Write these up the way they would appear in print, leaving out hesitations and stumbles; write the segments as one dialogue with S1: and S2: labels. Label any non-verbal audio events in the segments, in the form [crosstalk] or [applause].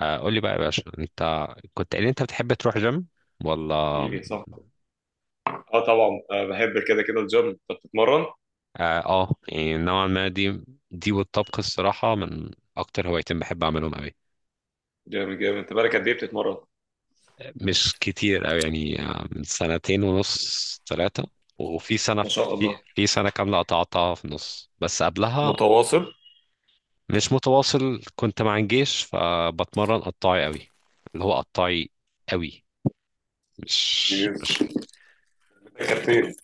S1: آه، قول لي بقى يا باشا انت كنت قايل انت بتحب تروح جيم ولا
S2: جيلي صح. اه طبعا، بحب كده كده الجيم. انت بتتمرن؟
S1: يعني نوعا ما دي والطبخ الصراحة من اكتر هوايتين بحب اعملهم قوي.
S2: جامد جامد. انت بقالك قد ايه بتتمرن؟
S1: مش كتير قوي يعني من سنتين ونص ثلاثة. وفي سنة
S2: ما شاء
S1: في
S2: الله،
S1: في سنة كاملة قطعتها في النص، بس قبلها
S2: متواصل.
S1: مش متواصل، كنت مع الجيش فبتمرن قطاعي قوي. اللي هو قطاعي قوي، مش
S2: جميل.
S1: مش
S2: كانت فين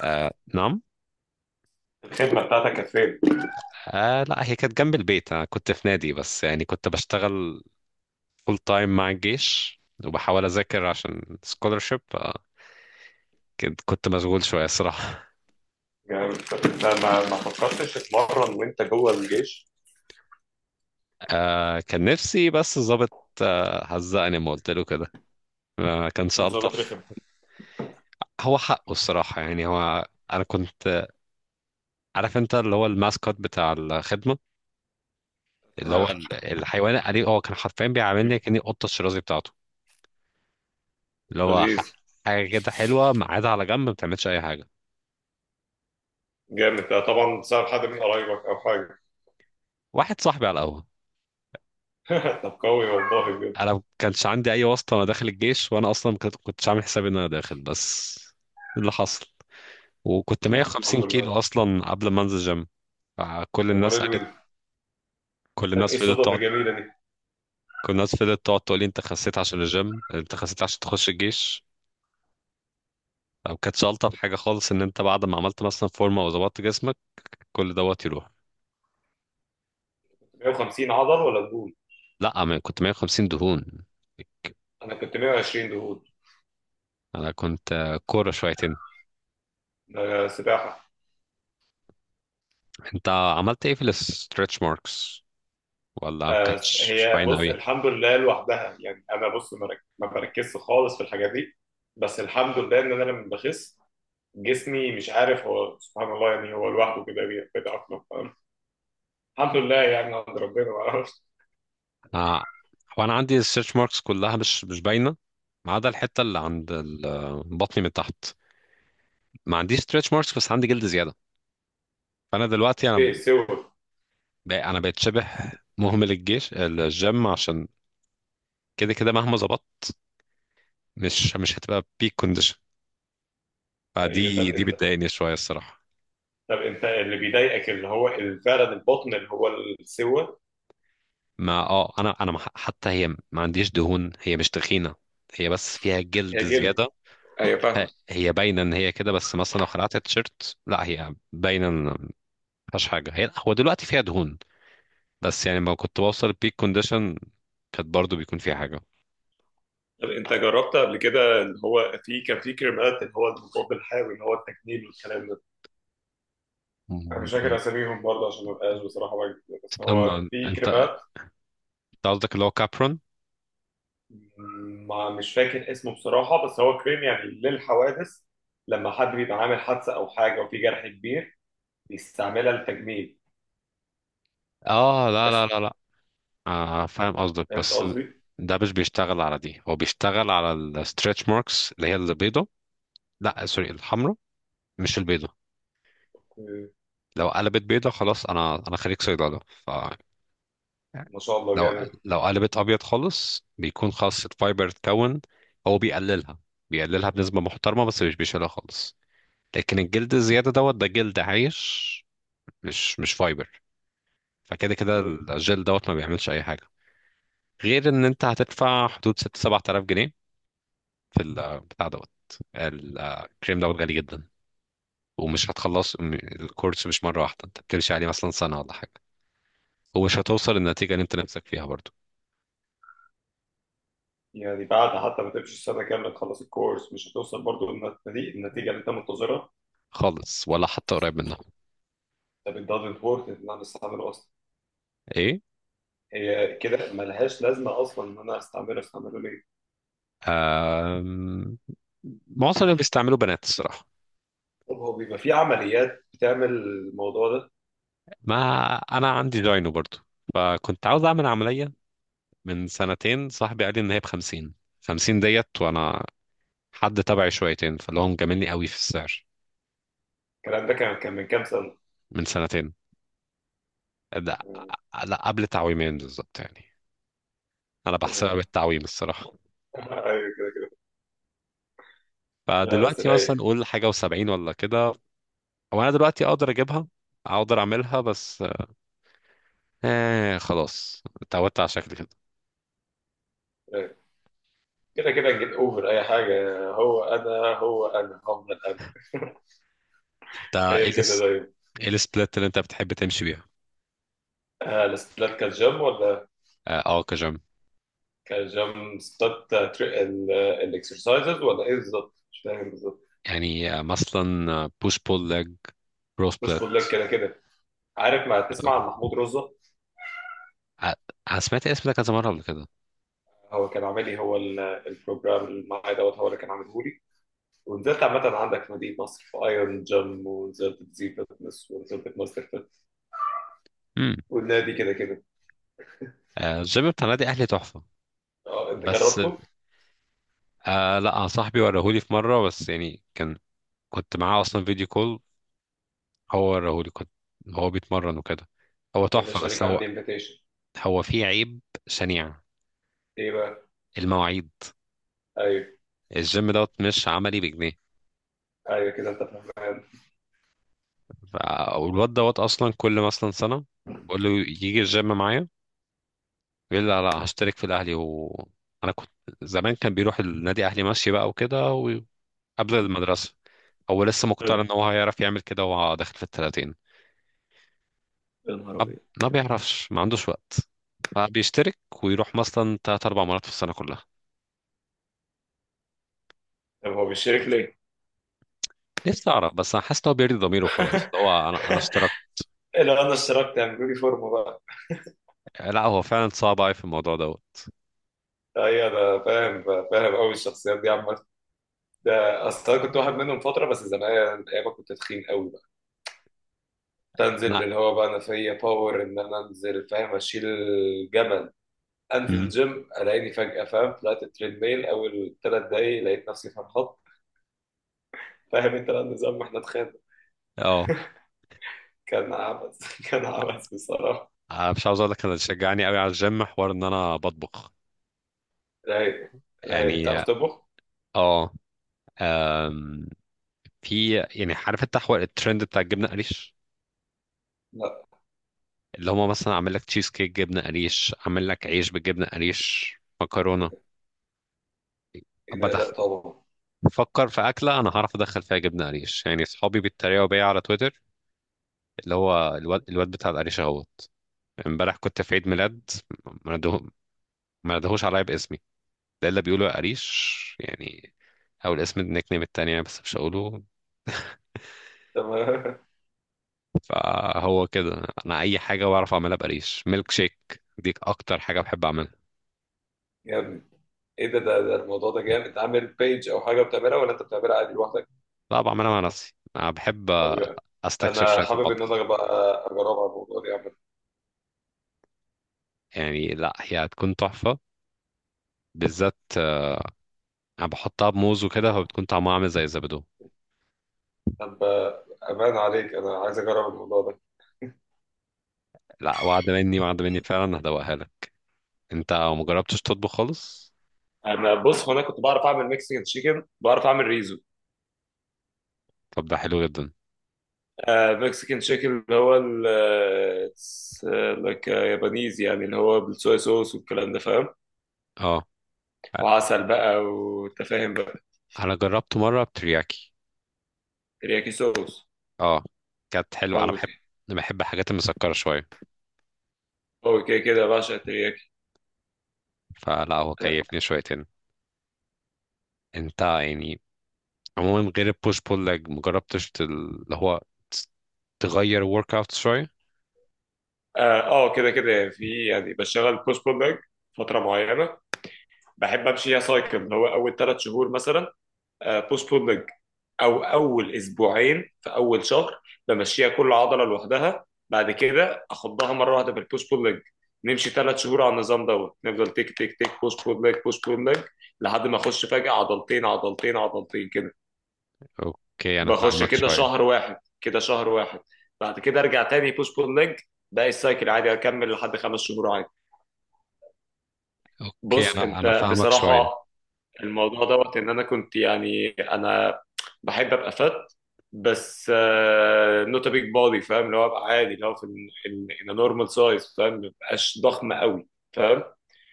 S1: آه نعم.
S2: الخدمه بتاعتك كانت فين؟
S1: آه لا هي كانت جنب البيت، انا كنت في نادي بس يعني كنت بشتغل فول تايم مع الجيش وبحاول اذاكر عشان سكولرشيب. كنت مشغول شويه الصراحه.
S2: جامد. طب انت ما فكرتش تتمرن وانت جوه الجيش؟
S1: [laughs] آه كان نفسي بس ظابط. آه هزقني ما قلت له كده، ما كانش
S2: كان ظابط
S1: الطف.
S2: رخم؟
S1: هو حقه الصراحه، يعني هو انا كنت عارف انت اللي هو الماسكوت بتاع الخدمه، اللي هو
S2: تمام.
S1: الحيوان الأليف، هو كان حرفيا
S2: مم.
S1: بيعاملني كأني قطة الشرازي بتاعته. اللي هو
S2: لذيذ.
S1: حاجة كده حلوة قاعدة على جنب ما بتعملش أي حاجة.
S2: جامد. ده طبعا بسبب حد من قرايبك او حاجه؟
S1: واحد صاحبي على القهوة.
S2: [laughs] طب قوي، والله بجد.
S1: انا ما كانش عندي اي واسطه وانا داخل الجيش، وانا اصلا ما كنت- كنتش عامل حسابي ان انا داخل، بس ده اللي حصل. وكنت 150
S2: الحمد
S1: كيلو
S2: لله.
S1: اصلا قبل ما انزل جيم. كل
S2: يا نهار
S1: الناس قالت،
S2: الويل.
S1: كل
S2: طب ايه
S1: الناس فضلت
S2: الصدف
S1: تقعد،
S2: الجميله دي؟
S1: كل الناس فضلت تقعد تقول لي انت خسيت عشان الجيم، انت خسيت عشان تخش الجيش. او كانتش الطف حاجه خالص ان انت بعد ما عملت مثلا فورمه وظبطت جسمك كل دوت يروح.
S2: 150 عضل ولا دهون؟
S1: لا انا كنت 150 دهون.
S2: انا كنت 120 دهون.
S1: انا كنت كوره شويتين.
S2: ده سباحه.
S1: انت عملت ايه في الستريتش ماركس؟ ولا ما كانتش
S2: هي
S1: باينه
S2: بص،
S1: قوي؟
S2: الحمد لله لوحدها، يعني انا بص ما بركزش خالص في الحاجات دي. بس الحمد لله ان انا لما بخس جسمي مش عارف، هو سبحان الله، يعني هو لوحده كده بيتأقلم. فاهم؟ الحمد لله، يعني عند ربنا، ما اعرفش.
S1: آه، هو انا عندي السيرش ماركس كلها مش باينه، ما عدا الحته اللي عند بطني من تحت. ما عنديش ستريتش ماركس بس عندي جلد زياده. فانا دلوقتي
S2: اوكي، سوى.
S1: انا بقيت شبه [laughs] مهمل الجيش الجيم، عشان كده كده مهما ظبطت مش هتبقى بيك كونديشن.
S2: أيوة، طب
S1: فدي
S2: انت،
S1: بتضايقني شويه الصراحه.
S2: اللي بيضايقك اللي هو فعلا البطن اللي هو السوى.
S1: ما اه انا انا ما- حتى هي ما عنديش دهون، هي مش تخينه، هي بس فيها جلد
S2: هي جلد.
S1: زياده.
S2: ايوه، فاهمك.
S1: هي باينه ان هي كده، بس مثلا لو خلعت التيشيرت لا هي باينه ان مفيهاش حاجه، هي هو دلوقتي فيها دهون، بس يعني ما كنت بوصل البيك كونديشن كانت برضو بيكون فيها حاجة.
S2: طب انت جربت قبل كده اللي هو في كان في كريمات، اللي هو المضاد الحيوي، اللي هو التجميل والكلام ده؟ انا مش فاكر
S1: مم.
S2: اساميهم برضه، عشان ما بقاش بصراحه بكذب، بس هو
S1: استنى،
S2: في
S1: انت،
S2: كريمات.
S1: انت قصدك اللي هو كابرون؟
S2: ما مش فاكر اسمه بصراحه، بس هو كريم يعني للحوادث. لما حد بيبقى عامل حادثه او حاجه وفي جرح كبير، بيستعملها للتجميل
S1: اه لا
S2: بس.
S1: لا لا لا. آه فاهم قصدك،
S2: فهمت
S1: بس
S2: قصدي؟
S1: ده مش بيشتغل على دي، هو بيشتغل على الستريتش ماركس اللي هي البيضة. لا سوري الحمراء، مش البيضة.
S2: أوكي.
S1: لو قلبت بيضة خلاص، انا خريج صيدلة، فلو
S2: ما شاء الله جامد.
S1: لو قلبت ابيض خالص بيكون خلاص الفايبر اتكون. هو بيقللها، بيقللها بنسبة محترمة بس مش بيشيلها خالص. لكن الجلد الزيادة دوت ده جلد عايش، مش فايبر. فكده كده
S2: أوكي.
S1: الجل دوت ما بيعملش أي حاجة، غير إن أنت هتدفع حدود ست سبعة آلاف جنيه في البتاع دوت. الكريم دوت غالي جدا، ومش هتخلص الكورس مش مرة واحدة، أنت بتمشي عليه مثلا سنة ولا حاجة، ومش هتوصل للنتيجة اللي أنت نفسك فيها برضو.
S2: يعني بعد حتى ما تمشي السنه كامله، تخلص الكورس، مش هتوصل برضه للنتيجه، النتيجه اللي انت منتظرها.
S1: خالص، ولا حتى قريب منها.
S2: طب it doesn't work ان انا استعمله اصلا.
S1: إيه؟
S2: هي كده ملهاش لازمه اصلا ان انا استعمله ليه؟
S1: آم... معظم اللي بيستعملوا بنات الصراحة.
S2: طب هو بيبقى في عمليات بتعمل الموضوع ده؟
S1: ما أنا عندي داينو برضو، فكنت عاوز أعمل عملية. من سنتين صاحبي قال لي ان هي بخمسين، خمسين ديت، وانا حد تبعي شويتين فاللي هو مجاملني قوي في السعر.
S2: الكلام ده كان من كام سنة؟
S1: من سنتين، لا لا قبل تعويمين بالظبط يعني، انا بحسبها
S2: تمام.
S1: بالتعويم الصراحة.
S2: [laughs] ايوه كده كده. لا بس
S1: فدلوقتي مثلا
S2: رايق.
S1: قول حاجة وسبعين ولا كده. وانا دلوقتي اقدر اجيبها، اقدر اعملها، بس آه خلاص اتعودت على شكل كده.
S2: رايق. كده كده نجيت، اوفر اي حاجة، هو انا هفضل انا. [laughs]
S1: انت ايه
S2: هي كده
S1: الس...
S2: دايما.
S1: ايه السبلت اللي انت بتحب تمشي بيها؟
S2: الستات كانت جيم ولا
S1: اه كجيم.
S2: كانت جيم ستات؟ الاكسرسايزز ولا ايه بالظبط؟ مش فاهم بالظبط.
S1: يعني مثلا بوش بول ليج، برو
S2: مش
S1: سبلت.
S2: بقول لك كده كده. عارف ما تسمع عن محمود رزق؟
S1: انا سمعت الاسم ده كذا مرة قبل كده.
S2: هو كان عامل لي، هو البروجرام اللي معايا دوت هو اللي كان عامله لي. ونزلت عامة عندك في مدينة نصر في ايرون جيم، ونزلت زي فتنس، ونزلت ماستر فيت، والنادي كده كده.
S1: الجيم بتاع نادي اهلي تحفه.
S2: اه، انت
S1: بس
S2: جربته؟
S1: آه لا أنا صاحبي وراهولي في مره، بس يعني كان كنت معاه اصلا فيديو كول، هو وراهولي، كنت هو بيتمرن وكده. هو
S2: يا
S1: تحفه،
S2: باشا،
S1: بس
S2: ليك
S1: هو
S2: عندي انفيتيشن.
S1: هو فيه عيب شنيع:
S2: ايه بقى؟
S1: المواعيد.
S2: ايوه.
S1: الجيم دوت مش عملي بجنيه.
S2: ايوه كده، انت فاهم.
S1: والواد دوت اصلا كل مثلا سنه بقول له يجي الجيم معايا، يقول لي لا لا هشترك في الاهلي. و انا كنت زمان كان بيروح النادي اهلي ماشي بقى وكده، وقبل المدرسه. هو لسه مقتنع ان هو هيعرف يعمل كده وهو داخل في الثلاثين،
S2: يا نهار ابيض.
S1: ما بيعرفش، ما عندوش وقت. فبيشترك ويروح مثلا تلات أربع مرات في السنة كلها.
S2: طب هو بيشترك ليه؟
S1: نفسي أعرف، بس أنا حاسس إن هو بيرضي ضميره خلاص اللي
S2: [laughs]
S1: هو أنا اشتركت.
S2: إيه، لو انا اشتركت هيعملوا لي فورمه بقى؟
S1: لا هو فعلا صعب أوي في الموضوع دوت.
S2: ايوه انا فاهم. فاهم قوي الشخصيات دي عامه. ده اصل انا كنت واحد منهم فتره بس زمان، ايام ما كنت تخين قوي بقى. تنزل
S1: أنا.
S2: اللي هو بقى، انا فيا باور ان انا انزل، فاهم، اشيل جبل، انزل
S1: مم.
S2: الجيم. الاقيني فجاه، فاهم، طلعت التريد ميل اول ثلاث دقايق، لقيت نفسي في الخط. فاهم انت بقى النظام، واحنا اتخانق.
S1: أه.
S2: كان عبث. [laughs] كان عبث بصراحه.
S1: أنا مش عاوز أقول لك، أنا اللي شجعني أوي على الجيم حوار إن أنا بطبخ.
S2: رايق. رايق، تعرف
S1: يعني
S2: تطبخ؟
S1: أه. أم، في يعني، عارف أنت حوار الترند بتاع الجبنة قريش؟
S2: لا.
S1: اللي هما مثلا عامل لك تشيز كيك جبنة قريش، عامل لك عيش بالجبنة قريش،
S2: ايه
S1: مكرونة.
S2: ده؟ إيه ده؟ لا
S1: بدخ
S2: طبعا.
S1: فكر في أكلة أنا هعرف أدخل فيها جبنة قريش. يعني صحابي بيتريقوا بيا على تويتر، اللي هو الواد, الواد بتاع القريش أهوت. امبارح كنت في عيد ميلاد، ما نده- ما ندهوش عليا باسمي ده إلا بيقولوا يا قريش يعني، أو الاسم النيك نيم التانية بس مش هقوله. [laughs]
S2: تمام. [laughs]
S1: فهو كده أنا أي حاجة بعرف أعملها بقريش. ميلك شيك دي أكتر حاجة بحب أعملها.
S2: يا ابني، ايه ده الموضوع ده جامد. انت عامل بيج او حاجه بتعملها، ولا انت بتعملها عادي لوحدك؟
S1: لا بعملها مع نفسي، أنا بحب
S2: طب يعني،
S1: أستكشف
S2: انا
S1: شوية في
S2: حابب ان
S1: المطبخ.
S2: انا بقى اجرب على الموضوع ده يا عم.
S1: يعني لا هي هتكون تحفة، بالذات انا بحطها بموز وكده، فبتكون طعمها عامل زي الزبادو.
S2: طب، امان عليك، انا عايز اجرب الموضوع ده.
S1: لا وعد مني، وعد مني فعلا هدوقها لك. انت ما جربتش تطبخ خالص؟
S2: انا بص، هو انا كنت بعرف اعمل ميكسيكان تشيكن، بعرف اعمل ريزو.
S1: طب ده حلو جدا.
S2: مكسيكان شيك اللي هو ال لك يابانيز، يعني اللي هو بالصويا صوص والكلام ده، فاهم.
S1: اه
S2: وعسل بقى، وانت فاهم بقى.
S1: انا جربت مره بترياكي.
S2: ترياكي صوص.
S1: اه كانت حلوه، انا
S2: قوي
S1: بحب،
S2: كده.
S1: انا بحب الحاجات المسكره شويه.
S2: قوي كده كده بعشق الترياكي.
S1: فلا هو كيفني شويتين. انت يعني عموما غير البوش بول لج مجربتش اللي هو تس- تغير ورك اوت شويه؟
S2: اه كده كده، يعني في، يعني بشتغل بوست بول ليج فترة معينة. بحب امشي فيها سايكل، اللي هو اول ثلاث شهور مثلا بوست بول ليج، او اول اسبوعين في اول شهر بمشيها كل عضله لوحدها، بعد كده اخضها مره واحده في البوش بول ليج. نمشي ثلاث شهور على النظام دوت، نفضل تيك تيك تيك، بوش بول ليج بوش بول ليج، لحد ما اخش فجاه عضلتين عضلتين عضلتين كده.
S1: اوكي انا
S2: بخش
S1: فاهمك
S2: كده
S1: شويه.
S2: شهر واحد كده شهر واحد. بعد كده ارجع تاني بوش بول ليج، باقي السايكل عادي اكمل لحد خمس شهور عادي.
S1: اوكي
S2: بص،
S1: انا
S2: انت
S1: فاهمك شويه.
S2: بصراحه الموضوع دوت، ان انا كنت يعني، انا بحب ابقى فت، بس نوت بيج بودي، فاهم، اللي هو ابقى عادي، اللي هو في ان نورمال سايز، فاهم، ما بقاش ضخم قوي، فاهم.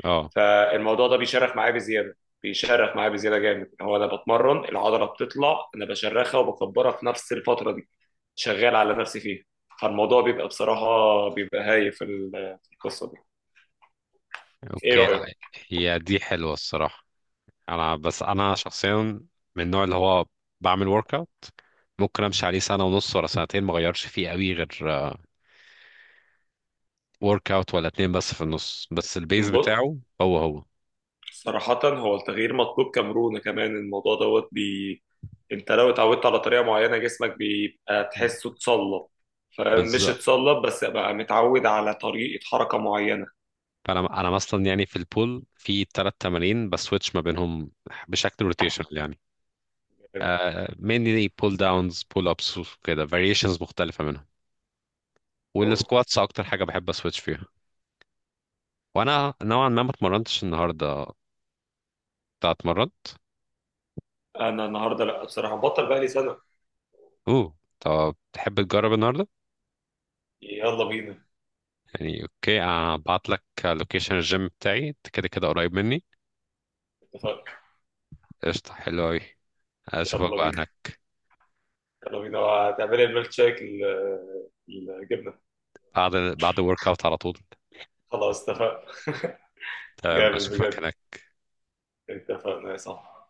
S1: اه
S2: فالموضوع ده بيشرخ معايا بزياده. بيشرخ معايا بزياده جامد. هو انا بتمرن، العضله بتطلع، انا بشرخها وبكبرها في نفس الفتره دي، شغال على نفسي فيها. فالموضوع بيبقى بصراحه، بيبقى هايف في في القصه دي. ايه
S1: اوكي. لا
S2: رايك؟
S1: هي دي حلوه الصراحه. انا بس انا شخصيا من النوع اللي هو بعمل ورك اوت ممكن امشي عليه سنه ونص ولا سنتين ما اغيرش فيه قوي، غير ورك اوت ولا اتنين بس في النص، بس البيز
S2: بص،
S1: بتاعه هو هو.
S2: صراحة هو التغيير مطلوب، كمرونة كمان الموضوع دوت. انت لو اتعودت على طريقة معينة، جسمك بيبقى تحسه اتصلب. فمش
S1: بالظبط.
S2: اتصلب بس، بقى متعود على طريقة حركة معينة.
S1: فانا مثلا يعني في البول في ثلاث تمارين بسويتش ما بينهم بشكل روتيشنال يعني، مينلي بول داونز بول ابس وكده فاريشنز مختلفه منهم.
S2: قوي.
S1: والسكواتس اكتر حاجه بحب اسويتش فيها. وانا نوعا ما ما اتمرنتش النهارده، انت اتمرن؟
S2: انا النهاردة لا، بصراحة بطل بقى لي سنة.
S1: اوه طب تحب تجرب النهارده؟
S2: يلا بينا.
S1: يعني اوكي هبعت لك لوكيشن الجيم بتاعي، انت كده كده قريب مني.
S2: اتفقنا.
S1: قشطة، حلو أوي، أشوفك
S2: يلا
S1: بقى
S2: بينا.
S1: هناك.
S2: يلا بينا هتعملي الميلك شيك الجبنة.
S1: بعد الورك أوت على طول.
S2: خلاص اتفقنا. [laughs]
S1: تمام
S2: جامد
S1: أشوفك
S2: بجد.
S1: هناك.
S2: اتفقنا يا صاحبي.